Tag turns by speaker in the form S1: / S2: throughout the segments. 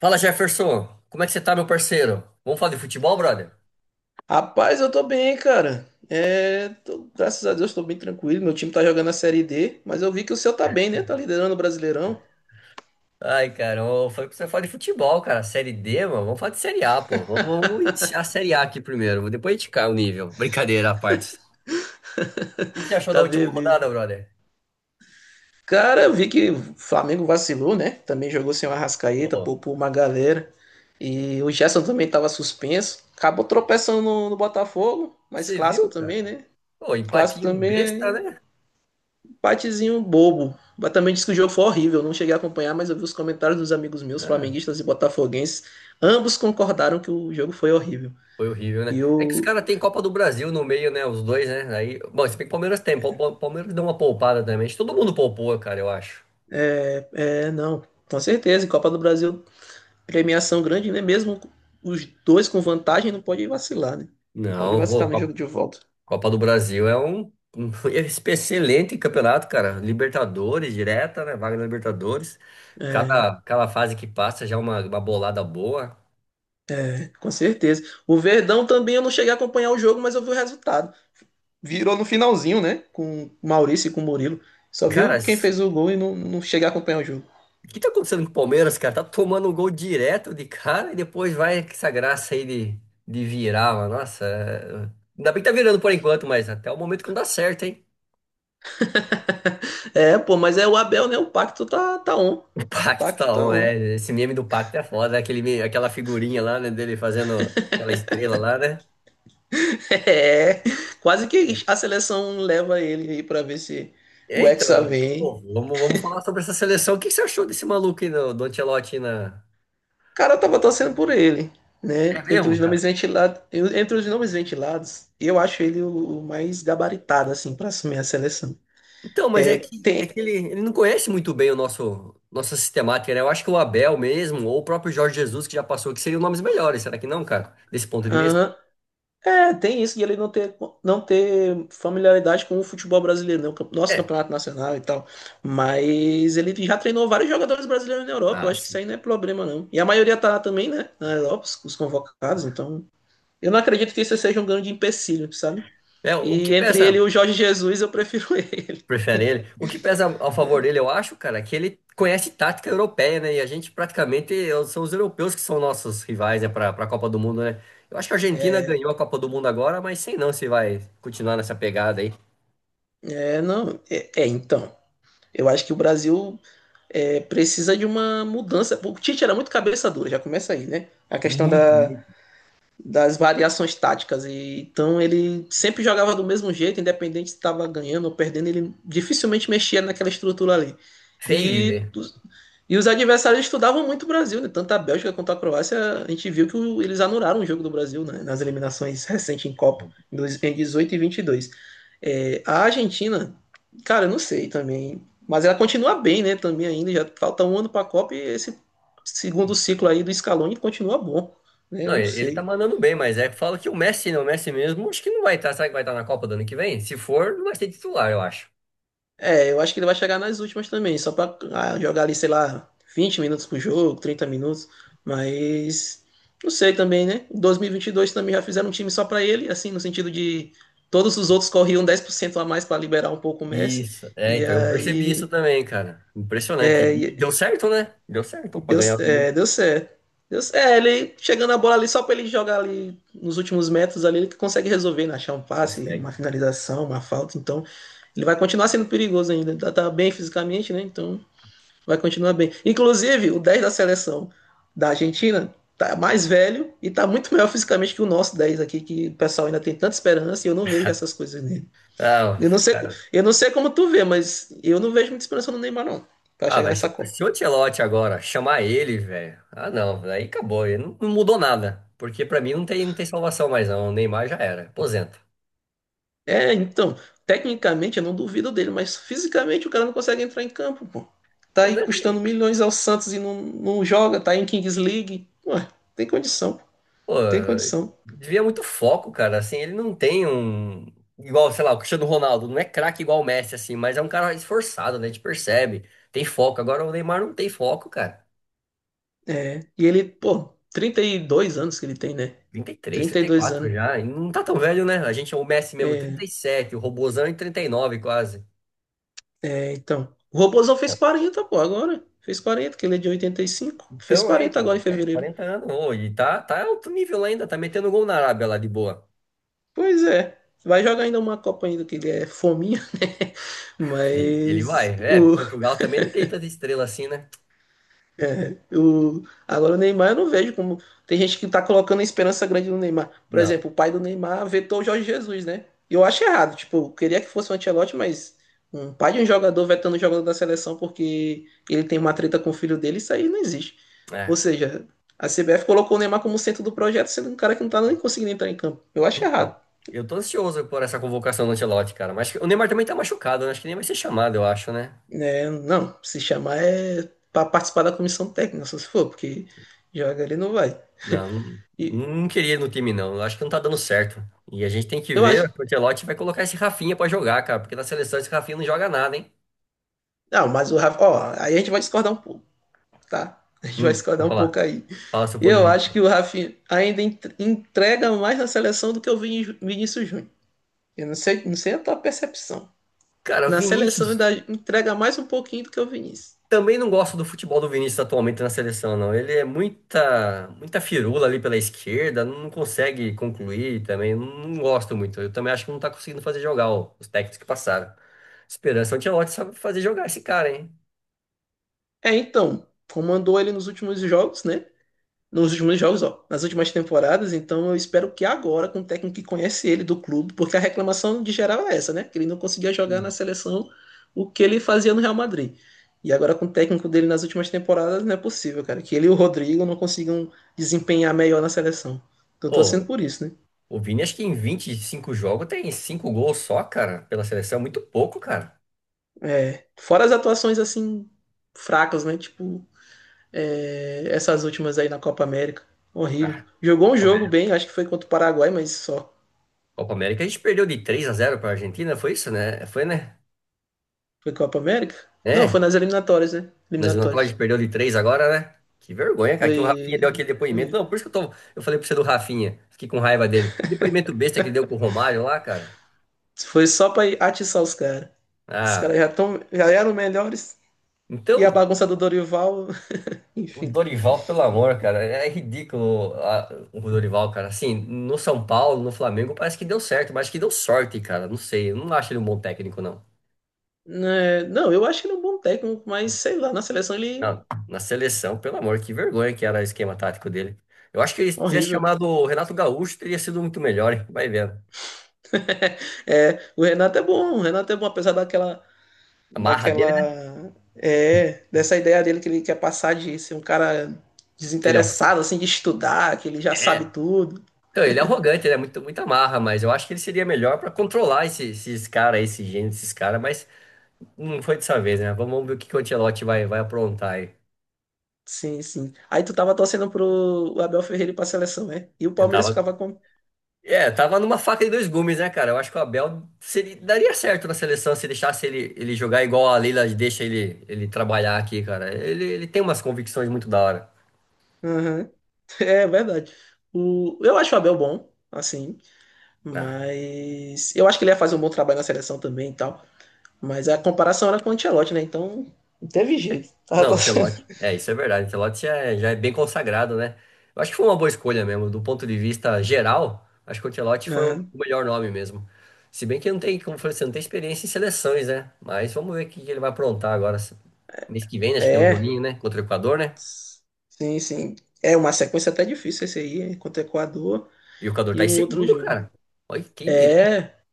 S1: Fala Jefferson, como é que você tá, meu parceiro? Vamos falar de futebol, brother?
S2: Rapaz, eu tô bem, cara. É, graças a Deus tô bem tranquilo. Meu time tá jogando a Série D, mas eu vi que o seu tá bem, né? Tá liderando o Brasileirão.
S1: Ai, cara, eu falei pra você falar de futebol, cara. Série D, mano, vamos falar de Série A, pô. Vamos iniciar a Série A aqui primeiro, depois a gente cai o nível. Brincadeira à parte. O que que você achou da
S2: Tá
S1: última
S2: beleza.
S1: rodada, brother?
S2: Cara, eu vi que o Flamengo vacilou, né? Também jogou sem o Arrascaeta,
S1: Ô,
S2: poupou uma galera. E o Gerson também tava suspenso. Acabou tropeçando no Botafogo, mas
S1: você
S2: clássico
S1: viu, cara?
S2: também, né?
S1: Pô,
S2: Clássico
S1: empatinho
S2: também
S1: besta,
S2: é
S1: né?
S2: empatezinho bobo. Mas também disse que o jogo foi horrível. Não cheguei a acompanhar, mas eu vi os comentários dos amigos meus,
S1: Ah,
S2: flamenguistas e botafoguenses. Ambos concordaram que o jogo foi horrível.
S1: foi horrível,
S2: E
S1: né? É que os
S2: eu.
S1: caras têm Copa do Brasil no meio, né? Os dois, né? Aí, bom, se bem que o Palmeiras tem, o Palmeiras deu uma poupada também. Acho que todo mundo poupou, cara, eu acho.
S2: É, não. Com certeza. E Copa do Brasil, premiação grande, né? Mesmo os dois com vantagem, não pode vacilar, né? Não pode
S1: Não,
S2: vacilar
S1: ô,
S2: no jogo de volta.
S1: Copa do Brasil é um excelente campeonato, cara. Libertadores direta, né? Vaga na Libertadores.
S2: É,
S1: Cada fase que passa já é uma bolada boa.
S2: é, com certeza. O Verdão também eu não cheguei a acompanhar o jogo, mas eu vi o resultado. Virou no finalzinho, né? Com o Maurício e com o Murilo. Só
S1: Cara,
S2: viu quem fez o gol e não cheguei a acompanhar o jogo.
S1: o que tá acontecendo com o Palmeiras, cara? Tá tomando um gol direto de cara e depois vai com essa graça aí de virar, mano. Nossa, ainda bem que tá virando por enquanto, mas até o momento que não dá certo, hein?
S2: É, pô, mas é o Abel, né? O pacto tá on. O
S1: O Pacto
S2: pacto
S1: tá
S2: tá
S1: on,
S2: on.
S1: é. Esse meme do Pacto é foda, né? Aquela figurinha lá, né, dele fazendo aquela estrela lá, né?
S2: É, quase que a seleção leva ele aí pra ver se
S1: É,
S2: o
S1: então,
S2: Hexa vem.
S1: pô, vamos falar sobre essa seleção. O que que você achou desse maluco aí, do Ancelotti na...
S2: O cara tava torcendo por ele, né?
S1: É
S2: Entre
S1: mesmo,
S2: os
S1: cara?
S2: nomes ventilados, entre os nomes ventilados, eu acho ele o mais gabaritado, assim, para assumir a seleção.
S1: Então, mas é
S2: É,
S1: que, é que
S2: tem.
S1: ele não conhece muito bem o nossa sistemática, né? Eu acho que o Abel mesmo, ou o próprio Jorge Jesus, que já passou, que seriam nomes melhores, será que não, cara? Desse ponto de vista?
S2: Aham. É, tem isso de ele não ter familiaridade com o futebol brasileiro, né? Nosso
S1: É.
S2: campeonato nacional e tal. Mas ele já treinou vários jogadores brasileiros na Europa. Eu
S1: Ah,
S2: acho que isso
S1: sim.
S2: aí não é problema, não. E a maioria tá lá também, né? Na Europa, os convocados. Então, eu não acredito que isso seja um grande empecilho, sabe?
S1: É, o que
S2: E entre ele e
S1: peça.
S2: o Jorge Jesus, eu prefiro ele.
S1: Prefere ele. O que pesa ao favor dele, eu acho, cara, é que ele conhece tática europeia, né? E a gente praticamente são os europeus que são nossos rivais, né, para a Copa do Mundo, né? Eu acho que a Argentina ganhou a Copa do Mundo agora, mas sei não se vai continuar nessa pegada aí.
S2: É, não. É, então. Eu acho que o Brasil precisa de uma mudança. O Tite era muito cabeça dura, já começa aí, né? A questão
S1: Muito,
S2: da
S1: muito.
S2: das variações táticas. E então ele sempre jogava do mesmo jeito, independente se estava ganhando ou perdendo, ele dificilmente mexia naquela estrutura ali.
S1: Feio de
S2: E,
S1: ver.
S2: e os adversários estudavam muito o Brasil, né? Tanto a Bélgica quanto a Croácia, a gente viu que eles anularam o jogo do Brasil, né, nas eliminações recentes em Copa, em 18 e 22. É, a Argentina, cara, eu não sei também, mas ela continua bem, né? Também ainda, já falta um ano para a Copa e esse segundo ciclo aí do Scaloni continua bom, né? Eu
S1: Não,
S2: não
S1: ele tá
S2: sei.
S1: mandando bem, mas é que fala que o Messi, não, o Messi mesmo, acho que não vai estar. Será que vai estar na Copa do ano que vem? Se for, não vai ser titular, eu acho.
S2: É, eu acho que ele vai chegar nas últimas também, só pra jogar ali, sei lá, 20 minutos por jogo, 30 minutos. Mas não sei também, né? Em 2022 também já fizeram um time só pra ele, assim, no sentido de todos os outros corriam 10% a mais pra liberar um pouco o Messi.
S1: Isso. É,
S2: E
S1: então eu percebi isso
S2: aí
S1: também, cara. Impressionante. E deu certo, né? Deu certo pra
S2: deu,
S1: ganhar.
S2: é, deu certo. Deu, é, ele chegando a bola ali só pra ele jogar ali nos últimos metros ali, ele consegue resolver, né? Achar um passe, uma
S1: Consegue.
S2: finalização, uma falta. Então ele vai continuar sendo perigoso ainda. Tá bem fisicamente, né? Então vai continuar bem. Inclusive, o 10 da seleção da Argentina tá mais velho e tá muito melhor fisicamente que o nosso 10 aqui, que o pessoal ainda tem tanta esperança e eu não vejo essas coisas nele.
S1: Ah,
S2: Eu não sei,
S1: cara.
S2: eu não sei como tu vê, mas eu não vejo muita esperança no Neymar, não, pra
S1: Ah,
S2: chegar
S1: velho, se
S2: nessa
S1: o
S2: Copa.
S1: se o Ancelotti agora chamar ele, velho. Ah, não, aí acabou. Ele Não, não mudou nada. Porque pra mim não tem, não tem salvação mais, não. O Neymar já era. Aposenta.
S2: É, então, tecnicamente eu não duvido dele, mas fisicamente o cara não consegue entrar em campo, pô. Tá aí
S1: Né?
S2: custando milhões ao Santos e não joga, tá aí em Kings League. Ué, tem condição, pô.
S1: Pô,
S2: Tem condição.
S1: devia muito foco, cara. Assim, ele não tem um. Igual, sei lá, o Cristiano Ronaldo. Não é craque igual o Messi, assim, mas é um cara esforçado, né? A gente percebe. Tem foco. Agora o Neymar não tem foco, cara.
S2: É, e ele, pô, 32 anos que ele tem, né?
S1: Trinta e
S2: trinta e dois
S1: 34
S2: anos.
S1: já. E não tá tão velho, né? A gente é o Messi mesmo,
S2: É,
S1: 37. O Robozão em 39 quase.
S2: é, então. O Robozão fez 40, pô, agora. Fez 40, que ele é de 85. Fez
S1: Então,
S2: 40 agora em
S1: é
S2: fevereiro.
S1: 40 anos hoje, tá alto nível lá ainda, tá metendo gol na Arábia lá de boa.
S2: Pois é. Vai jogar ainda uma Copa ainda, que ele é fominha, né?
S1: Ele vai,
S2: Mas o,
S1: Portugal também não tem tanta estrela assim, né?
S2: Agora o Neymar eu não vejo como. Tem gente que tá colocando esperança grande no Neymar. Por
S1: Não,
S2: exemplo, o pai do Neymar vetou o Jorge Jesus, né? E eu acho errado. Tipo, eu queria que fosse o Ancelotti, mas um pai de um jogador vetando o jogador da seleção porque ele tem uma treta com o filho dele, isso aí não existe. Ou
S1: é,
S2: seja, a CBF colocou o Neymar como centro do projeto, sendo um cara que não tá nem conseguindo entrar em campo. Eu acho
S1: então,
S2: errado.
S1: eu tô ansioso por essa convocação do Ancelotti, cara, mas o Neymar também tá machucado, né? Acho que nem vai ser chamado, eu acho, né?
S2: É, não, se chamar é para participar da comissão técnica, só se for, porque joga ele não vai.
S1: Não, não,
S2: E
S1: não queria ir no time, não, eu acho que não tá dando certo. E a gente tem que
S2: eu
S1: ver,
S2: acho.
S1: o Ancelotti vai colocar esse Rafinha pra jogar, cara, porque na seleção esse Rafinha não joga nada, hein?
S2: Não, mas o Rafa. Ó, aí a gente vai discordar um pouco, tá? A gente vai
S1: Vou
S2: discordar um pouco
S1: falar,
S2: aí.
S1: fala seu ponto de
S2: Eu acho que o
S1: vista.
S2: Rafinha ainda entrega mais na seleção do que o Vinícius Júnior. Eu não sei, não sei a tua percepção.
S1: Cara,
S2: Na seleção
S1: Vinícius
S2: ainda entrega mais um pouquinho do que o Vinícius.
S1: Também não gosto do futebol do Vinícius atualmente na seleção, não. Ele é muita, muita firula ali pela esquerda, não consegue concluir também. Não gosto muito. Eu também acho que não tá conseguindo fazer jogar, ó, os técnicos que passaram. Esperança Ancelotti sabe fazer jogar esse cara, hein?
S2: É, então, comandou ele nos últimos jogos, né? nos últimos jogos, ó, nas últimas temporadas, então eu espero que agora, com o técnico que conhece ele do clube, porque a reclamação de geral é essa, né? Que ele não conseguia jogar
S1: Hum.
S2: na seleção o que ele fazia no Real Madrid. E agora com o técnico dele nas últimas temporadas, não é possível, cara, que ele e o Rodrigo não consigam desempenhar melhor na seleção. Então, eu tô torcendo
S1: Ô,
S2: por isso, né?
S1: o Vini acho que em 25 jogos tem 5 gols só, cara, pela seleção. É muito pouco, cara.
S2: É, fora as atuações assim fracas, né? Tipo, essas últimas aí na Copa América. Horrível.
S1: Ah,
S2: Jogou um
S1: Copa
S2: jogo
S1: América.
S2: bem, acho que foi contra o Paraguai, mas só.
S1: Copa América a gente perdeu de três a 0 pra Argentina, foi isso, né? Foi, né?
S2: Foi Copa América? Não, foi
S1: É.
S2: nas eliminatórias, né?
S1: Mas não pode,
S2: Eliminatórias.
S1: perdeu de três agora, né? Que vergonha, cara,
S2: Foi,
S1: que o Rafinha deu aquele depoimento. Não, por isso que eu tô, eu falei pra você do Rafinha. Fiquei com raiva dele. Que depoimento besta que ele deu com o Romário lá, cara.
S2: foi só pra atiçar os caras. Os caras
S1: Ah,
S2: já eram melhores. E a
S1: então,
S2: bagunça do Dorival,
S1: o
S2: enfim.
S1: Dorival, pelo amor, cara, é ridículo, o Dorival, cara. Assim, no São Paulo, no Flamengo, parece que deu certo, mas acho que deu sorte, cara. Não sei, eu não acho ele um bom técnico, não.
S2: É, não, eu acho ele é um bom técnico, mas sei lá, na seleção ele
S1: Não, na seleção, pelo amor, que vergonha que era o esquema tático dele. Eu acho que ele, se
S2: é
S1: tivesse
S2: horrível.
S1: chamado o Renato Gaúcho, teria sido muito melhor, hein? Vai vendo.
S2: É, o Renato é bom, apesar daquela,
S1: A marra dele, né?
S2: daquela, é, dessa ideia dele que ele quer passar de ser um cara
S1: Que ele é um
S2: desinteressado, assim, de estudar, que ele já sabe
S1: É.
S2: tudo.
S1: Então, ele é arrogante, ele é muito, muito amarra, mas eu acho que ele seria melhor pra controlar esses caras, esses gênios, esses caras, mas não foi dessa vez, né? Vamos ver o que que o Ancelotti vai aprontar aí.
S2: Sim, sim. Aí tu tava torcendo pro Abel Ferreira ir pra seleção, né? E o
S1: Eu
S2: Palmeiras
S1: tava.
S2: ficava com.
S1: É, tava numa faca de dois gumes, né, cara? Eu acho que o Abel seria, daria certo na seleção se deixasse ele jogar igual a Leila deixa ele trabalhar aqui, cara. Ele tem umas convicções muito da hora.
S2: Aham. É verdade. Eu acho o Abel bom, assim,
S1: Ah,
S2: mas eu acho que ele ia fazer um bom trabalho na seleção também e tal. Mas a comparação era com o Ancelotti, né? Então não teve jeito. Tava
S1: não,
S2: torcendo.
S1: Ancelotti. É, isso é verdade. Ancelotti já é bem consagrado, né? Eu acho que foi uma boa escolha mesmo. Do ponto de vista geral, acho que o Ancelotti foi o
S2: Aham.
S1: melhor nome mesmo. Se bem que não tem, como eu falei, você não tem experiência em seleções, né? Mas vamos ver o que que ele vai aprontar agora. Mês que vem, né? Acho que tem um
S2: É.
S1: joguinho, né? Contra o Equador, né?
S2: Sim, sim. É uma sequência até difícil, esse aí, hein, contra o Equador
S1: E o Equador tá
S2: e
S1: em
S2: um outro
S1: segundo,
S2: jogo.
S1: cara. Olha, quem diria?
S2: É.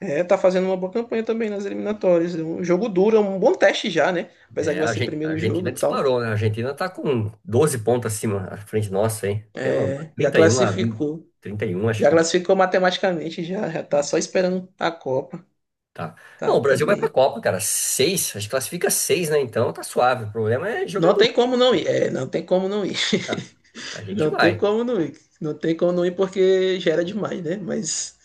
S2: É, tá fazendo uma boa campanha também nas eliminatórias. É um jogo duro, é um bom teste já, né? Apesar que
S1: É,
S2: vai ser
S1: A
S2: primeiro jogo
S1: Argentina
S2: e tal.
S1: disparou, né? A Argentina tá com 12 pontos acima à frente nossa, hein? Pelo amor.
S2: É, já
S1: 31 a 20,
S2: classificou.
S1: 31, acho
S2: Já
S1: que.
S2: classificou matematicamente, já tá só esperando a Copa.
S1: Tá. Não,
S2: Tá,
S1: o
S2: tá
S1: Brasil vai pra
S2: bem.
S1: Copa, cara. Seis, a gente classifica seis, né? Então tá suave. O problema é jogar
S2: Não
S1: bonito.
S2: tem como não ir. É, não tem como não ir.
S1: Cara. A gente
S2: Não tem
S1: vai.
S2: como não ir. Não tem como não ir porque gera demais, né? Mas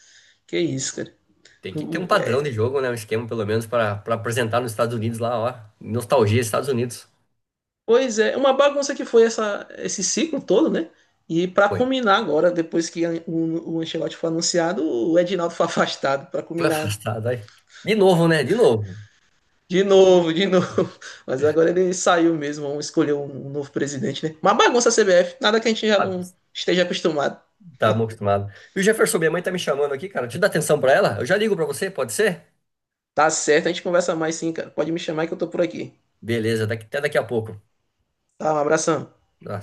S2: que isso, cara.
S1: Tem que ter um padrão de jogo, né? Um esquema, pelo menos, para apresentar nos Estados Unidos lá, ó. Nostalgia, dos Estados Unidos.
S2: Pois é, uma bagunça que foi essa, esse ciclo todo, né? E para
S1: Foi.
S2: culminar agora, depois o Ancelotti foi anunciado, o Edinaldo foi afastado para
S1: Foi
S2: culminar
S1: afastado aí. De novo, né? De novo.
S2: de novo, de novo. Mas agora ele saiu mesmo, vamos escolher um novo presidente, né? Uma bagunça a CBF, nada que a gente já
S1: Ah,
S2: não esteja acostumado.
S1: tá mal acostumado. E o Jefferson, minha mãe tá me chamando aqui, cara. Deixa eu dar atenção pra ela. Eu já ligo pra você, pode ser?
S2: Tá certo, a gente conversa mais sim, cara. Pode me chamar que eu tô por aqui.
S1: Beleza, até daqui a pouco.
S2: Tá, um abração.
S1: Tá.